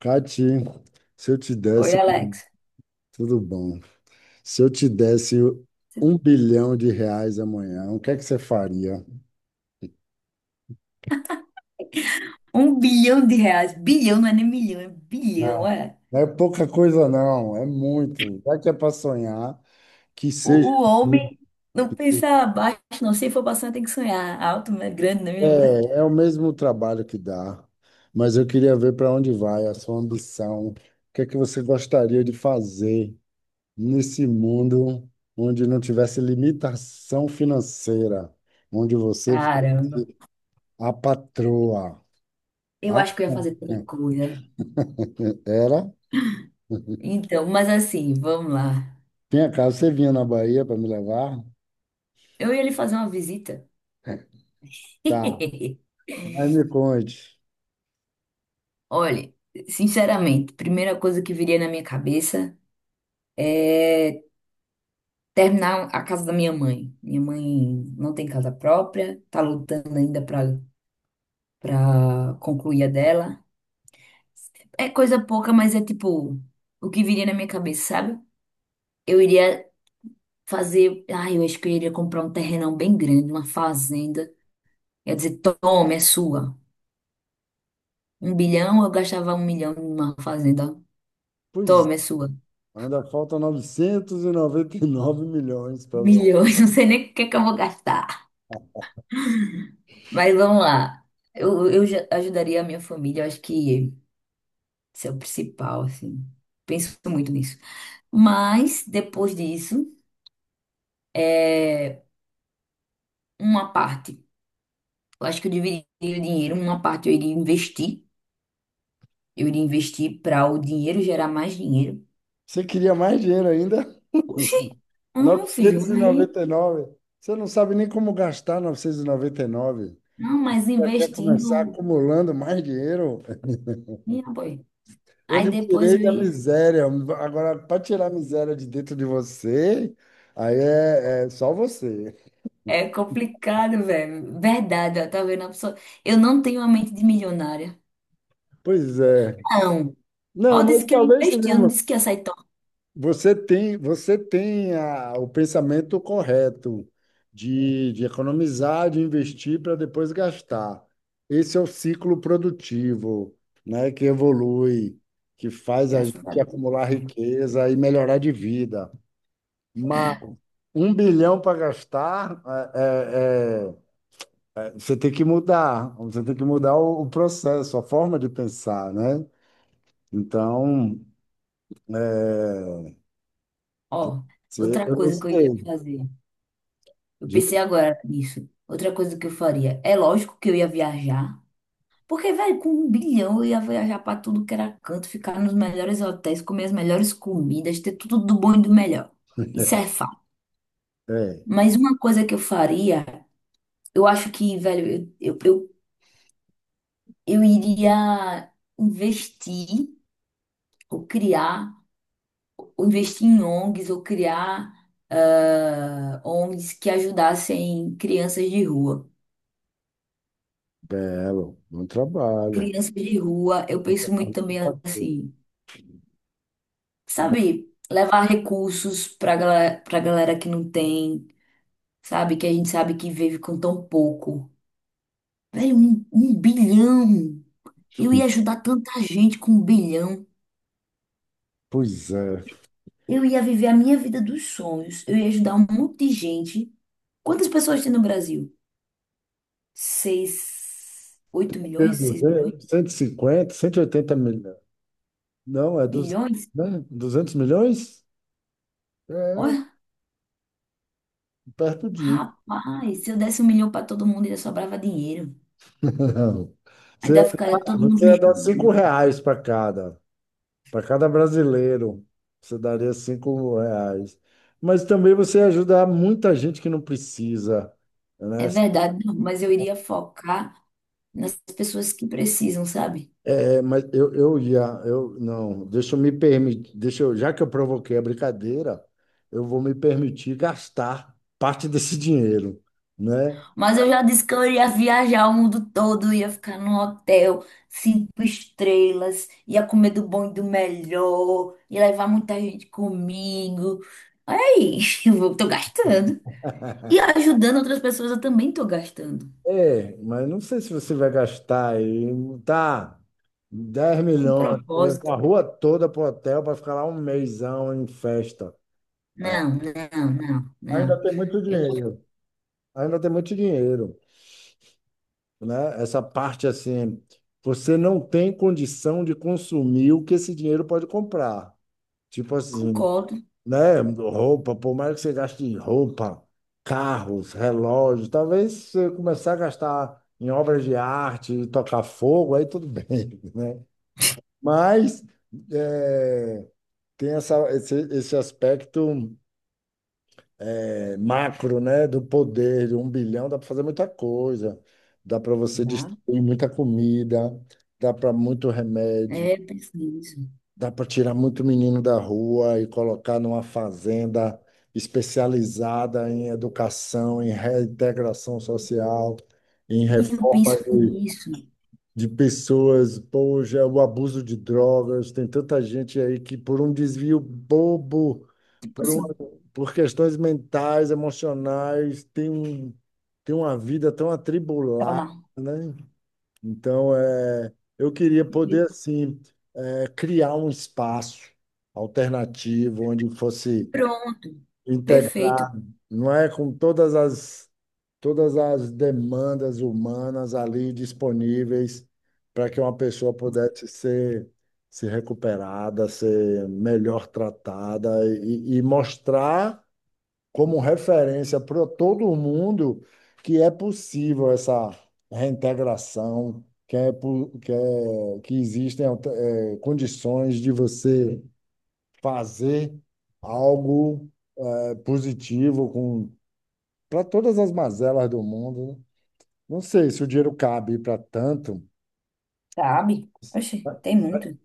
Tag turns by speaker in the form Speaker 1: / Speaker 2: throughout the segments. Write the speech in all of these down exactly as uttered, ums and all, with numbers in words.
Speaker 1: Cati, se eu te
Speaker 2: Oi,
Speaker 1: desse,
Speaker 2: Alex.
Speaker 1: tudo bom. Se eu te desse um bilhão de reais amanhã, o que é que você faria?
Speaker 2: Um bilhão de reais. Bilhão não é nem milhão, é bilhão,
Speaker 1: Não,
Speaker 2: é.
Speaker 1: não é pouca coisa, não, é muito. Já que é para sonhar, que
Speaker 2: O,
Speaker 1: seja.
Speaker 2: o
Speaker 1: Muito.
Speaker 2: homem não pensa abaixo, não. Se for pra sonhar, tem que sonhar alto, né? Grande não é
Speaker 1: É,
Speaker 2: mesmo, né?
Speaker 1: é o mesmo trabalho que dá, mas eu queria ver para onde vai a sua ambição. O que é que você gostaria de fazer nesse mundo onde não tivesse limitação financeira, onde você fosse
Speaker 2: Caramba.
Speaker 1: a patroa.
Speaker 2: Eu
Speaker 1: Ah,
Speaker 2: acho que eu ia fazer tanta coisa.
Speaker 1: era?
Speaker 2: Então, mas assim, vamos lá.
Speaker 1: Tinha casa, você vinha na Bahia para me levar?
Speaker 2: Eu ia lhe fazer uma visita.
Speaker 1: Tá, mas me conte.
Speaker 2: Olha, sinceramente, primeira coisa que viria na minha cabeça é terminar a casa da minha mãe. Minha mãe não tem casa própria, tá lutando ainda para para concluir a dela. É coisa pouca, mas é tipo o que viria na minha cabeça, sabe? Eu iria fazer. Ah, eu acho que eu iria comprar um terrenão bem grande, uma fazenda. Ia dizer, toma, é sua. Um bilhão, eu gastava um milhão numa fazenda. Ó.
Speaker 1: Pois é,
Speaker 2: Toma, é sua.
Speaker 1: ainda falta 999 milhões para você.
Speaker 2: Milhões, não sei nem o que é que eu vou gastar. Mas vamos lá. Eu, eu já ajudaria a minha família, eu acho que isso é o principal, assim. Penso muito nisso. Mas, depois disso, é uma parte. Eu acho que eu dividiria o dinheiro, uma parte eu iria investir. Eu iria investir para o dinheiro gerar mais dinheiro.
Speaker 1: Você queria mais dinheiro ainda?
Speaker 2: Oxi, ah, meu filho,
Speaker 1: Novecentos e e
Speaker 2: aí.
Speaker 1: noventa e nove. Você não sabe nem como gastar novecentos e noventa e nove.
Speaker 2: Não, mas
Speaker 1: Já quer começar
Speaker 2: investindo.
Speaker 1: acumulando mais dinheiro?
Speaker 2: Minha boy.
Speaker 1: Eu
Speaker 2: Aí
Speaker 1: lhe
Speaker 2: depois
Speaker 1: tirei
Speaker 2: eu
Speaker 1: da
Speaker 2: ia.
Speaker 1: miséria. Agora, para tirar a miséria de dentro de você, aí é, é só você.
Speaker 2: É complicado, velho. Verdade, ó, tá vendo? A pessoa... Eu não tenho uma mente de milionária.
Speaker 1: Pois é,
Speaker 2: Não.
Speaker 1: não,
Speaker 2: Mal disse
Speaker 1: mas
Speaker 2: que eu
Speaker 1: talvez
Speaker 2: investi, eu não
Speaker 1: não.
Speaker 2: disse que ia sair tão.
Speaker 1: Você tem, você tenha o pensamento correto de, de economizar, de investir para depois gastar. Esse é o ciclo produtivo, né, que evolui, que faz a
Speaker 2: Graças a
Speaker 1: gente
Speaker 2: Deus.
Speaker 1: acumular riqueza e melhorar de vida. Mas um bilhão para gastar, é, é- é- você tem que mudar, você tem que mudar o, o processo, a forma de pensar, né? Então, é,
Speaker 2: Ó,
Speaker 1: Você-
Speaker 2: outra
Speaker 1: eu não
Speaker 2: coisa que eu iria
Speaker 1: sei.
Speaker 2: fazer. Eu pensei
Speaker 1: De-
Speaker 2: agora nisso. Outra coisa que eu faria. É lógico que eu ia viajar. Porque, velho, com um bilhão eu ia viajar pra tudo que era canto, ficar nos melhores hotéis, comer as melhores comidas, ter tudo do bom e do melhor. Isso é fato.
Speaker 1: É,
Speaker 2: Mas uma coisa que eu faria, eu acho que, velho, eu, eu, eu, eu iria investir ou criar, ou investir em O N G s, ou criar ah, O N G s que ajudassem crianças de rua.
Speaker 1: belo, bom trabalho.
Speaker 2: Crianças de rua, eu penso muito também assim, sabe? Levar recursos pra galera, pra galera que não tem sabe? Que a gente sabe que vive com tão pouco. Velho, um, um bilhão! Eu ia ajudar tanta gente com um bilhão.
Speaker 1: Pois é.
Speaker 2: Eu ia viver a minha vida dos sonhos. Eu ia ajudar um monte de gente. Quantas pessoas tem no Brasil? Seis, oito
Speaker 1: É
Speaker 2: milhões? Seis milhões?
Speaker 1: duzentos, cento e cinquenta, cento e oitenta milhões. Não, é duzentos,
Speaker 2: Milhões?
Speaker 1: né? duzentos milhões? É,
Speaker 2: Olha,
Speaker 1: perto de.
Speaker 2: rapaz, se eu desse um milhão para todo mundo, ainda sobrava dinheiro. Ainda
Speaker 1: Você,
Speaker 2: ficaria todo mundo
Speaker 1: você ia
Speaker 2: me
Speaker 1: dar 5
Speaker 2: julgando.
Speaker 1: reais para cada, para cada brasileiro. Você daria cinco reais. Mas também você ia ajudar muita gente que não precisa,
Speaker 2: É
Speaker 1: né?
Speaker 2: verdade, não, mas eu iria focar nas pessoas que precisam, sabe?
Speaker 1: É, mas eu, eu já, eu não, deixa eu me permitir, deixa eu, já que eu provoquei a brincadeira, eu vou me permitir gastar parte desse dinheiro, né?
Speaker 2: Mas eu já disse que eu iria viajar o mundo todo, ia ficar num hotel cinco estrelas, ia comer do bom e do melhor, ia levar muita gente comigo. Olha aí, eu vou- tô gastando. E ajudando outras pessoas, eu também tô gastando.
Speaker 1: É, mas não sei se você vai gastar aí, tá, dez
Speaker 2: Com
Speaker 1: milhões, você levou
Speaker 2: propósito.
Speaker 1: a rua toda pro hotel para ficar lá um mêsão em festa. Ah,
Speaker 2: Não, não, não,
Speaker 1: ainda
Speaker 2: não.
Speaker 1: tem muito
Speaker 2: Eu
Speaker 1: dinheiro, ainda tem muito dinheiro, né? Essa parte assim, você não tem condição de consumir o que esse dinheiro pode comprar. Tipo assim,
Speaker 2: concordo,
Speaker 1: né? Roupa, por mais que você gaste em roupa, carros, relógios, talvez se você começar a gastar em obras de arte, tocar fogo, aí tudo bem, né? Mas é, tem essa, esse, esse aspecto é, macro, né? Do poder, de um bilhão, dá para fazer muita coisa. Dá para você
Speaker 2: dá.
Speaker 1: distribuir muita comida, dá para muito remédio.
Speaker 2: É, eu penso nisso.
Speaker 1: Dá para tirar muito menino da rua e colocar numa fazenda especializada em educação, em reintegração social, em
Speaker 2: E eu
Speaker 1: reforma
Speaker 2: penso
Speaker 1: de,
Speaker 2: nisso.
Speaker 1: de pessoas. Poxa, é o abuso de drogas. Tem tanta gente aí que, por um desvio bobo,
Speaker 2: Tipo
Speaker 1: por,
Speaker 2: assim,
Speaker 1: uma- por questões mentais, emocionais, tem um, tem uma vida tão
Speaker 2: tá
Speaker 1: atribulada,
Speaker 2: lá.
Speaker 1: né? Então, é, eu queria poder, assim, é, criar um espaço alternativo onde fosse
Speaker 2: Pronto. Perfeito.
Speaker 1: integrar, não é? Com todas as, todas as demandas humanas ali disponíveis para que uma pessoa pudesse ser, ser recuperada, ser melhor tratada e, e mostrar como referência para todo mundo que é possível essa reintegração, que é, po- que é- que existem alter- eh, condições de você fazer algo eh, positivo com para todas as mazelas do mundo, né? Não sei se o dinheiro cabe para tanto.
Speaker 2: Sabe? Oxe, tem muito.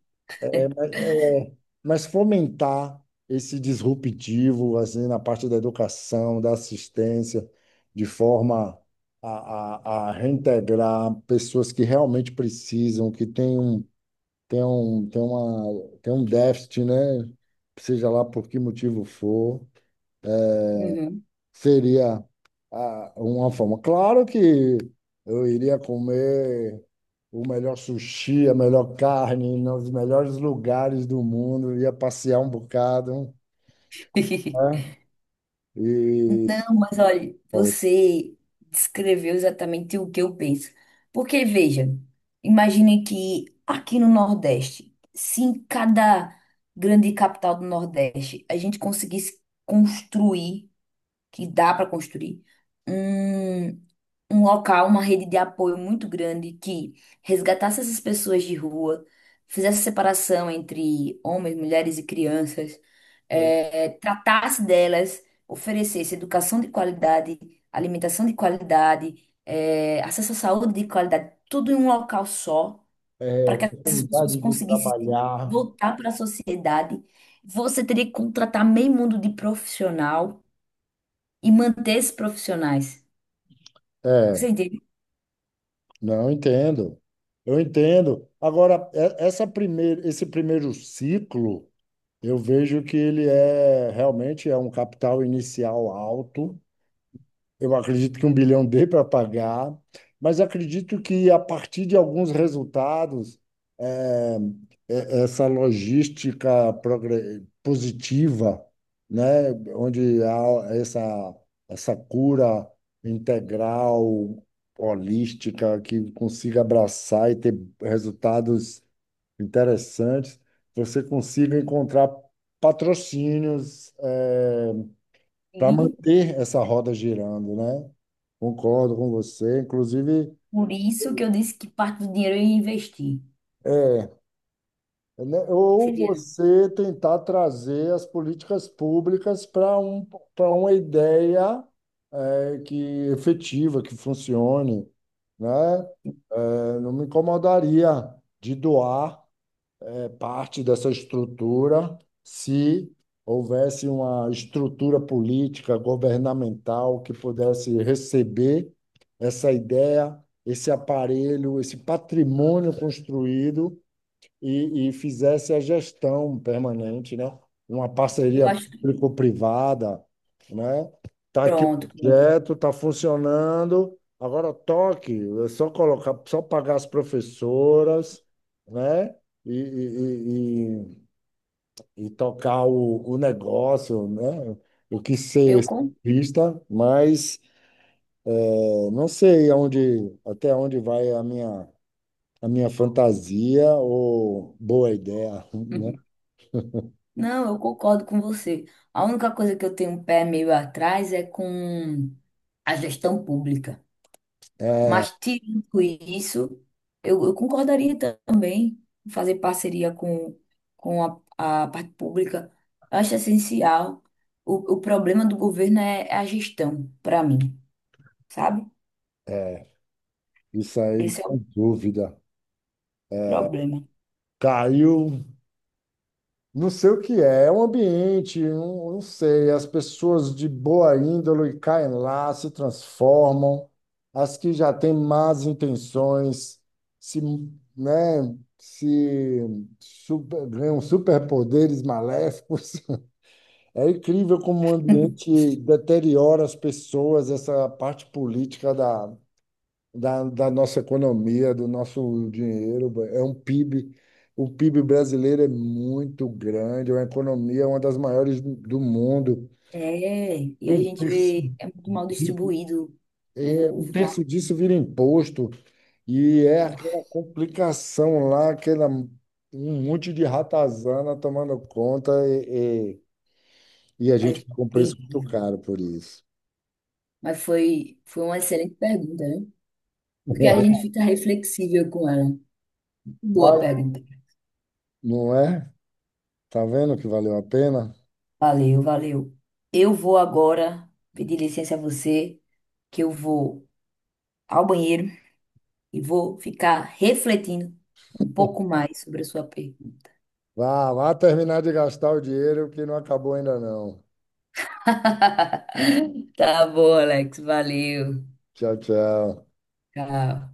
Speaker 1: É, é, mas fomentar esse disruptivo assim na parte da educação, da assistência, de forma a, a, a reintegrar pessoas que realmente precisam, que têm um, têm um, têm uma, têm um déficit, né? Seja lá por que motivo for,
Speaker 2: Uhum.
Speaker 1: seria ah, uma forma. Claro que eu iria comer o melhor sushi, a melhor carne, nos melhores lugares do mundo, ia passear um bocado, né? E
Speaker 2: Não, mas olha,
Speaker 1: ó,
Speaker 2: você descreveu exatamente o que eu penso. Porque, veja, imagine que aqui no Nordeste, se em cada grande capital do Nordeste a gente conseguisse construir, que dá para construir, um um local, uma rede de apoio muito grande que resgatasse essas pessoas de rua, fizesse separação entre homens, mulheres e crianças, eh, tratasse delas, oferecesse educação de qualidade, alimentação de qualidade, eh, acesso à saúde de qualidade, tudo em um local só,
Speaker 1: é, é,
Speaker 2: para que essas pessoas
Speaker 1: oportunidade de
Speaker 2: conseguissem se
Speaker 1: trabalhar.
Speaker 2: voltar para a sociedade. Você teria que contratar meio mundo de profissional e manter esses profissionais.
Speaker 1: É,
Speaker 2: Você entende?
Speaker 1: não entendo. Eu entendo. Agora, é- essa primeira, esse primeiro ciclo, eu vejo que ele é realmente é um capital inicial alto. Eu acredito que um bilhão dê para pagar, mas acredito que a partir de alguns resultados, eh, eh, essa logística progre- positiva, né, onde há essa, essa cura integral, holística, que consiga abraçar e ter resultados interessantes, você consiga encontrar patrocínios, eh, para manter essa roda girando, né? Concordo com você. Inclusive,
Speaker 2: Por isso que eu disse que parte do dinheiro eu ia investir.
Speaker 1: né,
Speaker 2: Esse
Speaker 1: ou
Speaker 2: dinheiro.
Speaker 1: você tentar trazer as políticas públicas para um, para uma ideia eh, que efetiva, que funcione, né? Eh, não me incomodaria de doar. É, parte dessa estrutura se houvesse uma estrutura política, governamental que pudesse receber essa ideia, esse aparelho, esse patrimônio construído e, e fizesse a gestão permanente, né? Uma
Speaker 2: Eu
Speaker 1: parceria
Speaker 2: acho que.
Speaker 1: público-privada, né? Tá aqui o
Speaker 2: Pronto, pronto.
Speaker 1: projeto, tá funcionando. Agora toque, é só colocar, só pagar as professoras, né? E, e, e, e- e tocar o, o negócio, né? O que
Speaker 2: Eu
Speaker 1: ser
Speaker 2: con...
Speaker 1: vista, mas eu não sei aonde, até onde vai a minha, a minha, fantasia ou boa ideia, né?
Speaker 2: Não, eu concordo com você. A única coisa que eu tenho um pé meio atrás é com a gestão pública.
Speaker 1: É,
Speaker 2: Mas, tirando isso, eu, eu concordaria também em fazer parceria com, com a, a parte pública. Eu acho essencial. O, o problema do governo é é a gestão, para mim, sabe?
Speaker 1: isso aí,
Speaker 2: Esse é
Speaker 1: sem
Speaker 2: o
Speaker 1: dúvida.
Speaker 2: problema.
Speaker 1: Caiu, não sei o que é, é um ambiente, não, não sei, as pessoas de boa índole caem lá, se transformam, as que já têm más intenções, se, né, se super, ganham superpoderes maléficos. É incrível como o ambiente deteriora as pessoas, essa parte política da da, da nossa economia, do nosso dinheiro. É um PIB. O PIB brasileiro é muito grande, é uma economia, uma das maiores do do mundo.
Speaker 2: É, e a
Speaker 1: Um
Speaker 2: gente
Speaker 1: terço
Speaker 2: vê, é muito mal
Speaker 1: di-
Speaker 2: distribuído
Speaker 1: é,
Speaker 2: o, o
Speaker 1: Um terço disso vira imposto, e é
Speaker 2: valor.
Speaker 1: aquela complicação lá, aquela, um monte de ratazana tomando conta, e, e, e a
Speaker 2: É
Speaker 1: gente paga um preço muito
Speaker 2: terrível.
Speaker 1: caro por isso.
Speaker 2: Mas foi, foi uma excelente pergunta, né? Porque a gente fica reflexível com ela. Boa
Speaker 1: Vai,
Speaker 2: pergunta.
Speaker 1: não é? Tá vendo que valeu a pena?
Speaker 2: Valeu, valeu. Eu vou agora pedir licença a você, que eu vou ao banheiro e vou ficar refletindo um pouco mais sobre a sua pergunta.
Speaker 1: Vá, vá terminar de gastar o dinheiro que não acabou ainda não.
Speaker 2: Tá bom, Alex. Valeu.
Speaker 1: Tchau, tchau.
Speaker 2: Tchau.